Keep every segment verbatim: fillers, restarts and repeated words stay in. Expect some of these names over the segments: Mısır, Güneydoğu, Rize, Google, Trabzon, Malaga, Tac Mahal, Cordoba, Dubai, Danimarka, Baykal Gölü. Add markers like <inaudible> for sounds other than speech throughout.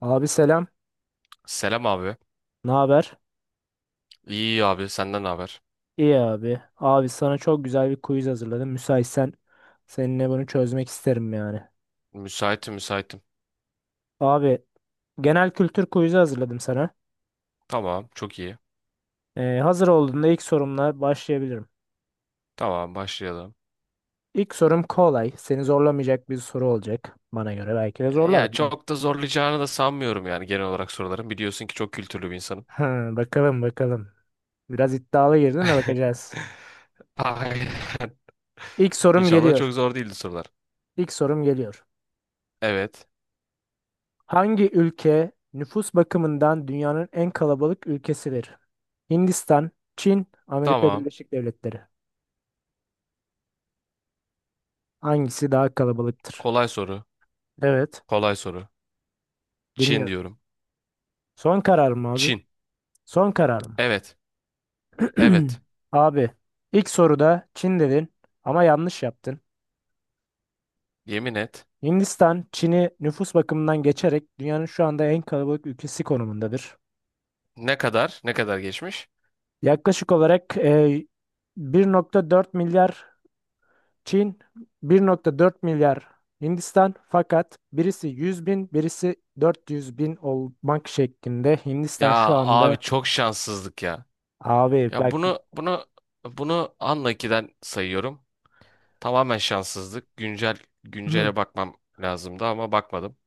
Abi selam. Selam abi. Ne haber? İyi abi senden ne haber? İyi abi. Abi sana çok güzel bir quiz hazırladım. Müsaitsen seninle bunu çözmek isterim yani. Müsaitim müsaitim. Abi genel kültür quizi hazırladım sana. Tamam çok iyi. Ee, hazır olduğunda ilk sorumla başlayabilirim. Tamam başlayalım. İlk sorum kolay. Seni zorlamayacak bir soru olacak. Bana göre belki de E, zorlar. Ya çok da zorlayacağını da sanmıyorum yani genel olarak soruların. Biliyorsun ki çok kültürlü bir insanım. Ha, <laughs> bakalım bakalım. Biraz iddialı girdin de <laughs> bakacağız. Ay, <laughs> İlk sorum İnşallah geliyor. çok zor değildi sorular. İlk sorum geliyor. Evet. Hangi ülke nüfus bakımından dünyanın en kalabalık ülkesidir? Hindistan, Çin, Amerika Tamam. Birleşik Devletleri. Hangisi daha kalabalıktır? Kolay soru. Evet, Kolay soru. Çin dinliyorum. diyorum. Son karar mı abi? Çin. Son karar mı? Evet. Evet. <clears throat> Abi, ilk soruda Çin dedin ama yanlış yaptın. Yemin et. Hindistan, Çin'i nüfus bakımından geçerek dünyanın şu anda en kalabalık ülkesi konumundadır. Ne kadar? Ne kadar geçmiş? Yaklaşık olarak e, bir nokta dört milyar Çin, bir nokta dört milyar Hindistan, fakat birisi yüz bin, birisi dört yüz bin olmak şeklinde Hindistan şu Ya abi anda çok şanssızlık ya. abi Ya bak. bunu bunu bunu anla ikiden sayıyorum. Tamamen şanssızlık. Güncel güncele <clears throat> bakmam lazımdı ama bakmadım.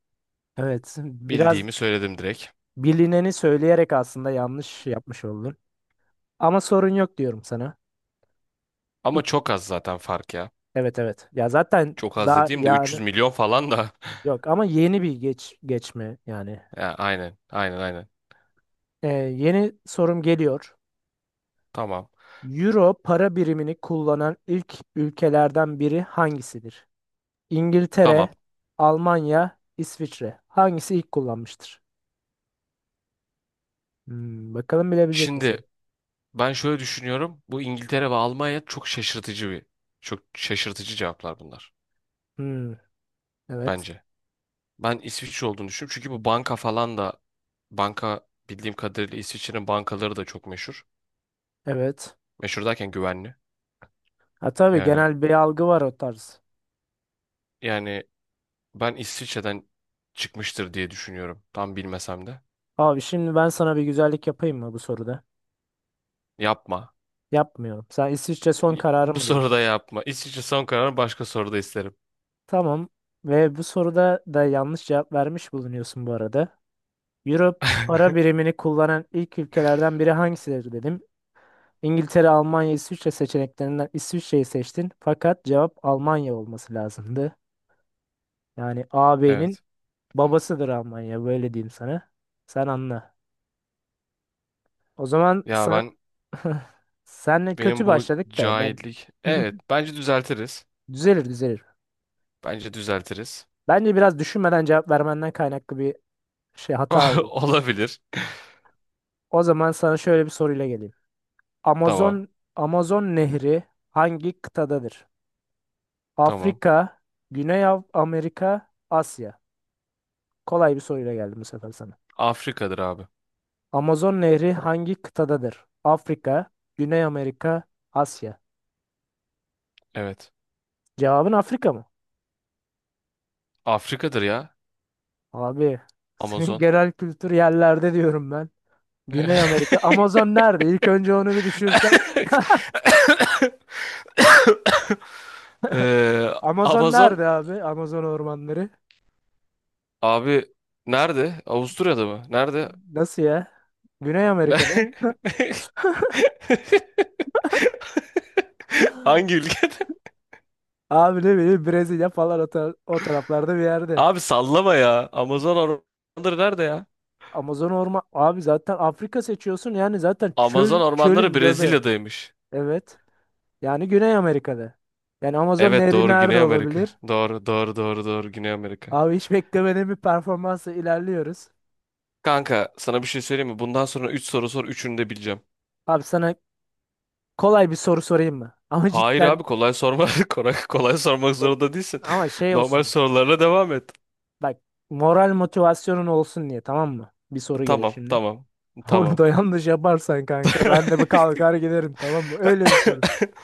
Evet, biraz Bildiğimi söyledim direkt. bilineni söyleyerek aslında yanlış yapmış oldun ama sorun yok diyorum sana. Ama İk- çok az zaten fark ya. evet, evet, ya zaten Çok az daha dediğim de 300 yani, milyon falan da. <laughs> yok ama yeni bir geç geçme yani. Ya aynen, aynen, aynen. Ee, yeni sorum geliyor. Tamam. Euro para birimini kullanan ilk ülkelerden biri hangisidir? Tamam. İngiltere, Almanya, İsviçre. Hangisi ilk kullanmıştır? Hmm, bakalım bilebilecek misin? Şimdi ben şöyle düşünüyorum. Bu İngiltere ve Almanya çok şaşırtıcı bir çok şaşırtıcı cevaplar bunlar Hmm, evet. bence. Ben İsviçre olduğunu düşünüyorum. Çünkü bu banka falan da banka bildiğim kadarıyla İsviçre'nin bankaları da çok meşhur. Evet. Meşhur derken güvenli. Ha, tabii, Yani genel bir algı var o tarz. yani ben İsviçre'den çıkmıştır diye düşünüyorum. Tam bilmesem de. Abi şimdi ben sana bir güzellik yapayım mı bu soruda? Yapma. Yapmıyorum. Sen İsviçre son İ- kararı Bu mı diyordun? soruda yapma. İsviçre son kararı başka soruda isterim. Tamam. Ve bu soruda da yanlış cevap vermiş bulunuyorsun bu arada. Euro para birimini kullanan ilk ülkelerden biri hangisidir dedim. İngiltere, Almanya, İsviçre seçeneklerinden İsviçre'yi seçtin. Fakat cevap Almanya olması lazımdı. Yani ağabeyinin Evet. babasıdır Almanya, böyle diyeyim sana. Sen anla. O zaman Ya sen ben <laughs> senle kötü benim bu başladık da ben cahillik. <laughs> Evet, bence düzeltiriz. düzelir düzelir. Bence düzeltiriz. Bence biraz düşünmeden cevap vermenden kaynaklı bir şey, hata oldu. <laughs> Olabilir. O zaman sana şöyle bir soruyla geleyim. Tamam. Amazon Amazon Nehri hangi kıtadadır? Tamam. Afrika, Güney Av- Amerika, Asya. Kolay bir soruyla geldim bu sefer sana. Afrika'dır abi. Amazon Nehri hangi kıtadadır? Afrika, Güney Amerika, Asya. Evet. Cevabın Afrika mı? Afrika'dır ya. Abi, <laughs> senin Amazon. genel kültür yerlerde diyorum ben. Güney Amerika. Amazon <laughs> nerede? İlk önce onu bir düşünsen. Ee, Amazon Amazon. nerede abi? Amazon ormanları. Abi nerede? Avusturya'da mı? Nerede? Nasıl ya? Güney Amerika'da. Ne- <laughs> Hangi ülkede? Abi ne bileyim, Brezilya falan, o, tar- o taraflarda bir yerde. Abi sallama ya. Amazon ormanları nerede ya? Amazon orman. Abi zaten Afrika seçiyorsun. Yani zaten Amazon çöl, ormanları çölün göbeği. Brezilya'daymış. Evet. Yani Güney Amerika'da. Yani Amazon Evet Nehri doğru nerede Güney olabilir? Amerika. Doğru doğru doğru doğru Güney Amerika. Abi hiç beklemediğim bir performansla ilerliyoruz. Kanka sana bir şey söyleyeyim mi? Bundan sonra üç soru sor üçünü de bileceğim. Abi sana kolay bir soru sorayım mı? <laughs> Ama Hayır abi cidden. kolay sorma. <laughs> Kolay, kolay sormak Yok, zorunda değilsin. ama şey Normal olsun. sorularla devam et. Bak, moral motivasyonun olsun diye, tamam mı? Bir soru geliyor Tamam şimdi. tamam <laughs> Onu tamam. da yanlış yaparsan kanka, ben de bir kalkar giderim, tamam mı? Öyle bir soru. <laughs>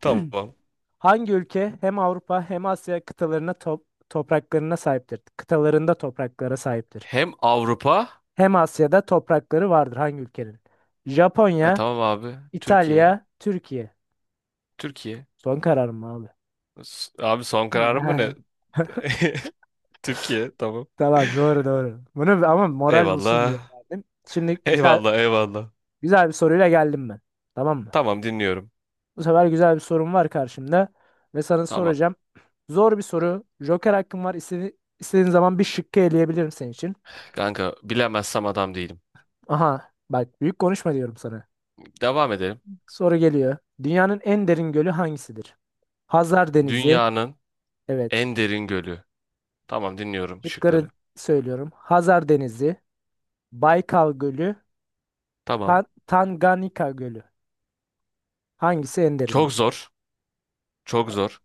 Tamam. <clears throat> Hangi ülke hem Avrupa hem Asya kıtalarına top- topraklarına sahiptir? Kıtalarında topraklara sahiptir. Hem Avrupa. Hem Asya'da toprakları vardır hangi ülkenin? E, Japonya, tamam abi. Türkiye. İtalya, Türkiye. Türkiye. Son kararım abi. S- Abi son kararım mı ne? <laughs> <laughs> Türkiye. Tamam. Tamam, doğru doğru. Bunu ama moral olsun diye Eyvallah. verdim. Şimdi güzel Eyvallah eyvallah. güzel bir soruyla geldim ben. Tamam mı? Tamam dinliyorum. Bu sefer güzel bir sorum var karşımda ve sana Tamam. soracağım. Zor bir soru. Joker hakkın var. İstediğin, istediğin zaman bir şıkkı eleyebilirim senin için. Kanka bilemezsem adam değilim. Aha bak, büyük konuşma diyorum sana. Devam edelim. Soru geliyor. Dünyanın en derin gölü hangisidir? Hazar Denizi. Dünyanın Evet. en derin gölü. Tamam dinliyorum şıkları. Şıkları söylüyorum. Hazar Denizi, Baykal Gölü, Tamam. Tan- Tanganyika Gölü. Hangisi en derindir? Çok zor. Çok zor.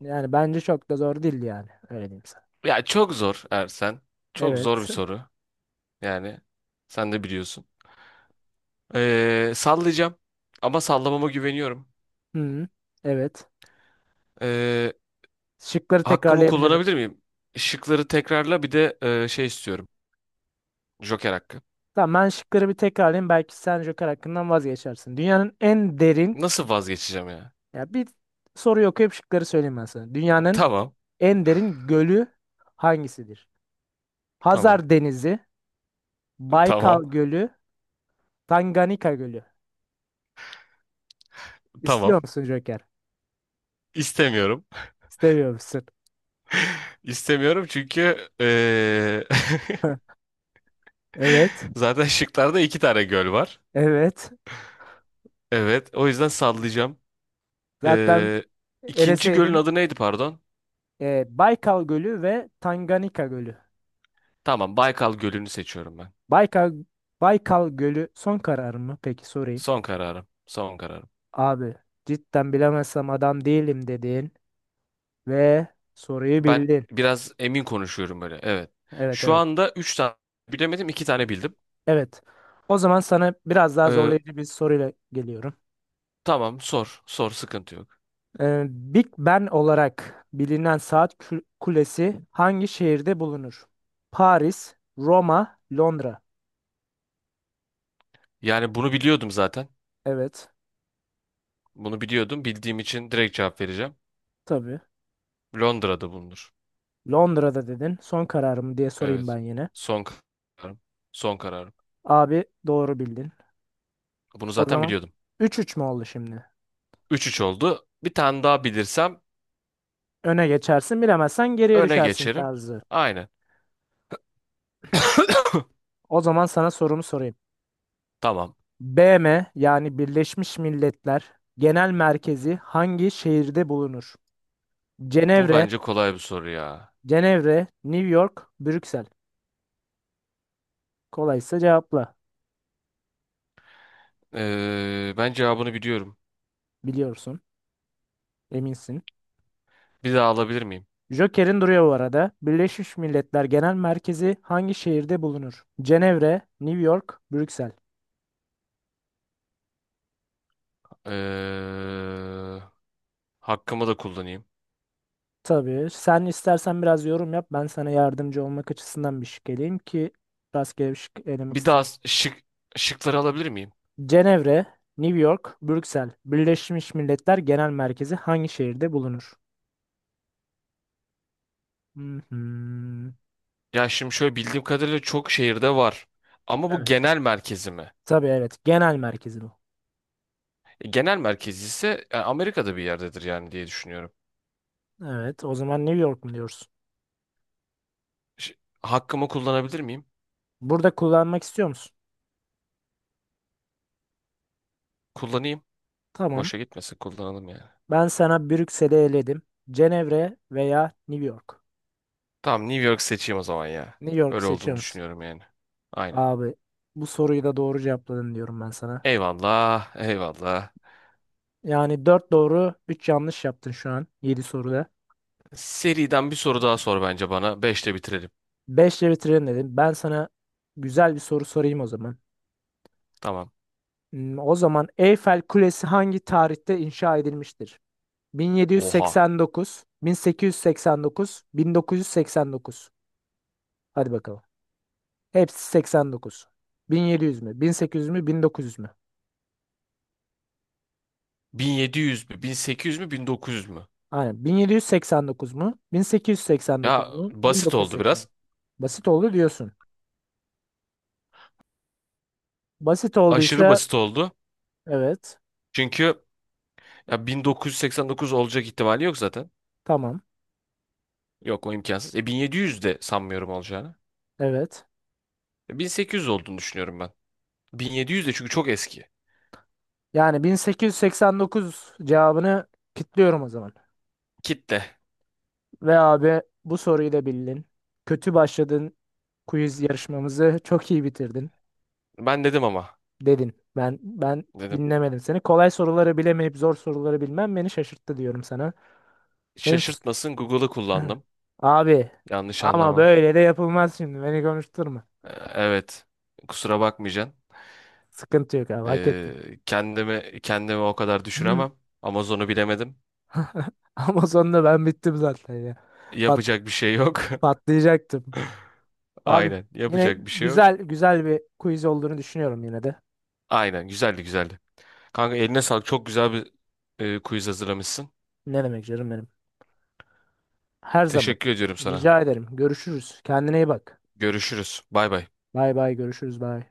Yani bence çok da zor değil yani. Öyle diyeyim sana. Ya çok zor Ersen. Çok zor bir Evet. soru. Yani sen de biliyorsun. Ee, sallayacağım. Ama sallamama güveniyorum. <laughs> Hı. Evet. Ee, Şıkları Hakkımı tekrarlayabilirim. kullanabilir miyim? Şıkları tekrarla bir de e, şey istiyorum. Joker hakkı. Tamam, ben şıkları bir tekrarlayayım. Belki sen Joker hakkından vazgeçersin. Dünyanın en derin, Nasıl vazgeçeceğim ya? ya bir soruyu okuyup şıkları söyleyeyim ben sana. Dünyanın Tamam. en derin gölü hangisidir? Tamam. Hazar Denizi, Baykal Tamam. Gölü, Tanganyika Gölü. Tamam. İstiyor musun Joker? İstemiyorum. İstemiyor musun? <laughs> İstemiyorum çünkü e, <laughs> Evet. <laughs> zaten şıklarda iki tane göl var. Evet. Evet. O yüzden sallayacağım. Zaten E, ikinci gölün eleseydin adı neydi pardon? e, Baykal Gölü ve Tanganyika Gölü. Tamam. Baykal Gölü'nü seçiyorum ben. Baykal, Baykal Gölü son karar mı? Peki sorayım. Son kararım. Son kararım. Abi, cidden bilemezsem adam değilim dedin ve soruyu Ben bildin. biraz emin konuşuyorum böyle. Evet. Evet, Şu evet. anda üç tane bilemedim. İki tane bildim. Evet. O zaman sana biraz daha E, zorlayıcı bir soruyla geliyorum. Tamam sor. Sor sıkıntı yok. Ee, Big Ben olarak bilinen saat kü- kulesi hangi şehirde bulunur? Paris, Roma, Londra. Yani bunu biliyordum zaten. Evet. Bunu biliyordum. Bildiğim için direkt cevap vereceğim. Tabii. Londra'da bulunur. Londra'da dedin. Son kararım diye sorayım Evet. ben yine. Son kararım. Son kararım. Abi, doğru bildin. Bunu O zaten zaman biliyordum. üç üç mü oldu şimdi? Üç üç oldu. Bir tane daha bilirsem Öne geçersin, bilemezsen geriye öne düşersin geçerim. tarzı. Aynen. <coughs> O zaman sana sorumu sorayım. Tamam. B M yani Birleşmiş Milletler Genel Merkezi hangi şehirde bulunur? Bu Cenevre, bence kolay bir soru ya. Cenevre, New York, Brüksel. Kolaysa cevapla. Ee, ben cevabını biliyorum. Biliyorsun, eminsin. Bir daha alabilir miyim? Joker'in duruyor bu arada. Birleşmiş Milletler Genel Merkezi hangi şehirde bulunur? Cenevre, New York, Brüksel. Ee, hakkımı da kullanayım. Tabii. Sen istersen biraz yorum yap. Ben sana yardımcı olmak açısından bir şık eleyeyim ki rastgele bir şık elemek. Bir daha şık, şıkları alabilir miyim? Cenevre, New York, Brüksel, Birleşmiş Milletler Genel Merkezi hangi şehirde bulunur? Hı hı. Ya şimdi şöyle bildiğim kadarıyla çok şehirde var. Ama bu Evet. genel merkezi mi? Tabii, evet. Genel merkezi bu. E, Genel merkezi ise e, Amerika'da bir yerdedir yani diye düşünüyorum. Evet. O zaman New York mu diyoruz? Ş- Hakkımı kullanabilir miyim? Burada kullanmak istiyor musun? Kullanayım. Tamam. Boşa gitmesin kullanalım yani. Ben sana Brüksel'i eledim. Cenevre veya New York. Tamam New York seçeyim o zaman ya. New York'u Öyle seçiyor olduğunu musun? düşünüyorum yani. Aynen. Abi, bu soruyu da doğru cevapladın diyorum ben sana. Eyvallah, eyvallah. Yani dört doğru üç yanlış yaptın şu an yedi soruda. Seriden bir soru daha sor bence bana. Beşte bitirelim. Beş ile bitirelim dedim. Ben sana güzel bir soru sorayım o zaman. Tamam. Hmm, O zaman Eyfel Kulesi hangi tarihte inşa edilmiştir? Oha. bin yedi yüz seksen dokuz, bin sekiz yüz seksen dokuz, bin dokuz yüz seksen dokuz. Hadi bakalım. Hepsi seksen dokuz. bin yedi yüz mü? bin sekiz yüz mü? bin dokuz yüz mü? bin yedi yüz mü? bin sekiz yüz mü? bin dokuz yüz mü? Aynen. bin yedi yüz seksen dokuz mu? bin sekiz yüz seksen dokuz Ya mu? basit oldu biraz. bin dokuz yüz seksen dokuz. Basit oldu diyorsun. Basit Aşırı olduysa basit oldu. evet. Çünkü Ya bin dokuz yüz seksen dokuz olacak ihtimali yok zaten. Tamam. Yok o imkansız. E bin yedi yüz de sanmıyorum olacağını. Evet. E, bin sekiz yüz olduğunu düşünüyorum ben. bin yedi yüz de çünkü çok eski. Yani bin sekiz yüz seksen dokuz cevabını kilitliyorum o zaman. Kitle. Ve abi bu soruyu da bildin. Kötü başladın, quiz yarışmamızı çok iyi bitirdin Ben dedim ama. dedin. Ben ben Dedim. dinlemedim seni. Kolay soruları bilemeyip zor soruları bilmem beni şaşırttı diyorum sana. Benim s- Şaşırtmasın Google'ı <clears throat> kullandım. <laughs> Abi, Yanlış ama anlama. böyle de yapılmaz şimdi. Beni konuşturma. E, evet. Kusura bakmayacaksın. Sıkıntı yok abi, hak ettin. E, kendimi kendimi o kadar Hı. düşüremem. Amazon'u bilemedim. <laughs> Ama sonunda ben bittim zaten ya. Pat, Yapacak bir şey yok. <laughs> patlayacaktım. Abi, Aynen. yine Yapacak bir şey yok. güzel güzel bir quiz olduğunu düşünüyorum yine de. Aynen. Güzeldi güzeldi. Kanka eline sağlık. Çok güzel bir e, quiz hazırlamışsın. Ne demek canım benim. Her zaman. Teşekkür ediyorum sana. Rica ederim. Görüşürüz. Kendine iyi bak. Görüşürüz. Bay bay. Bay bay, görüşürüz, bay.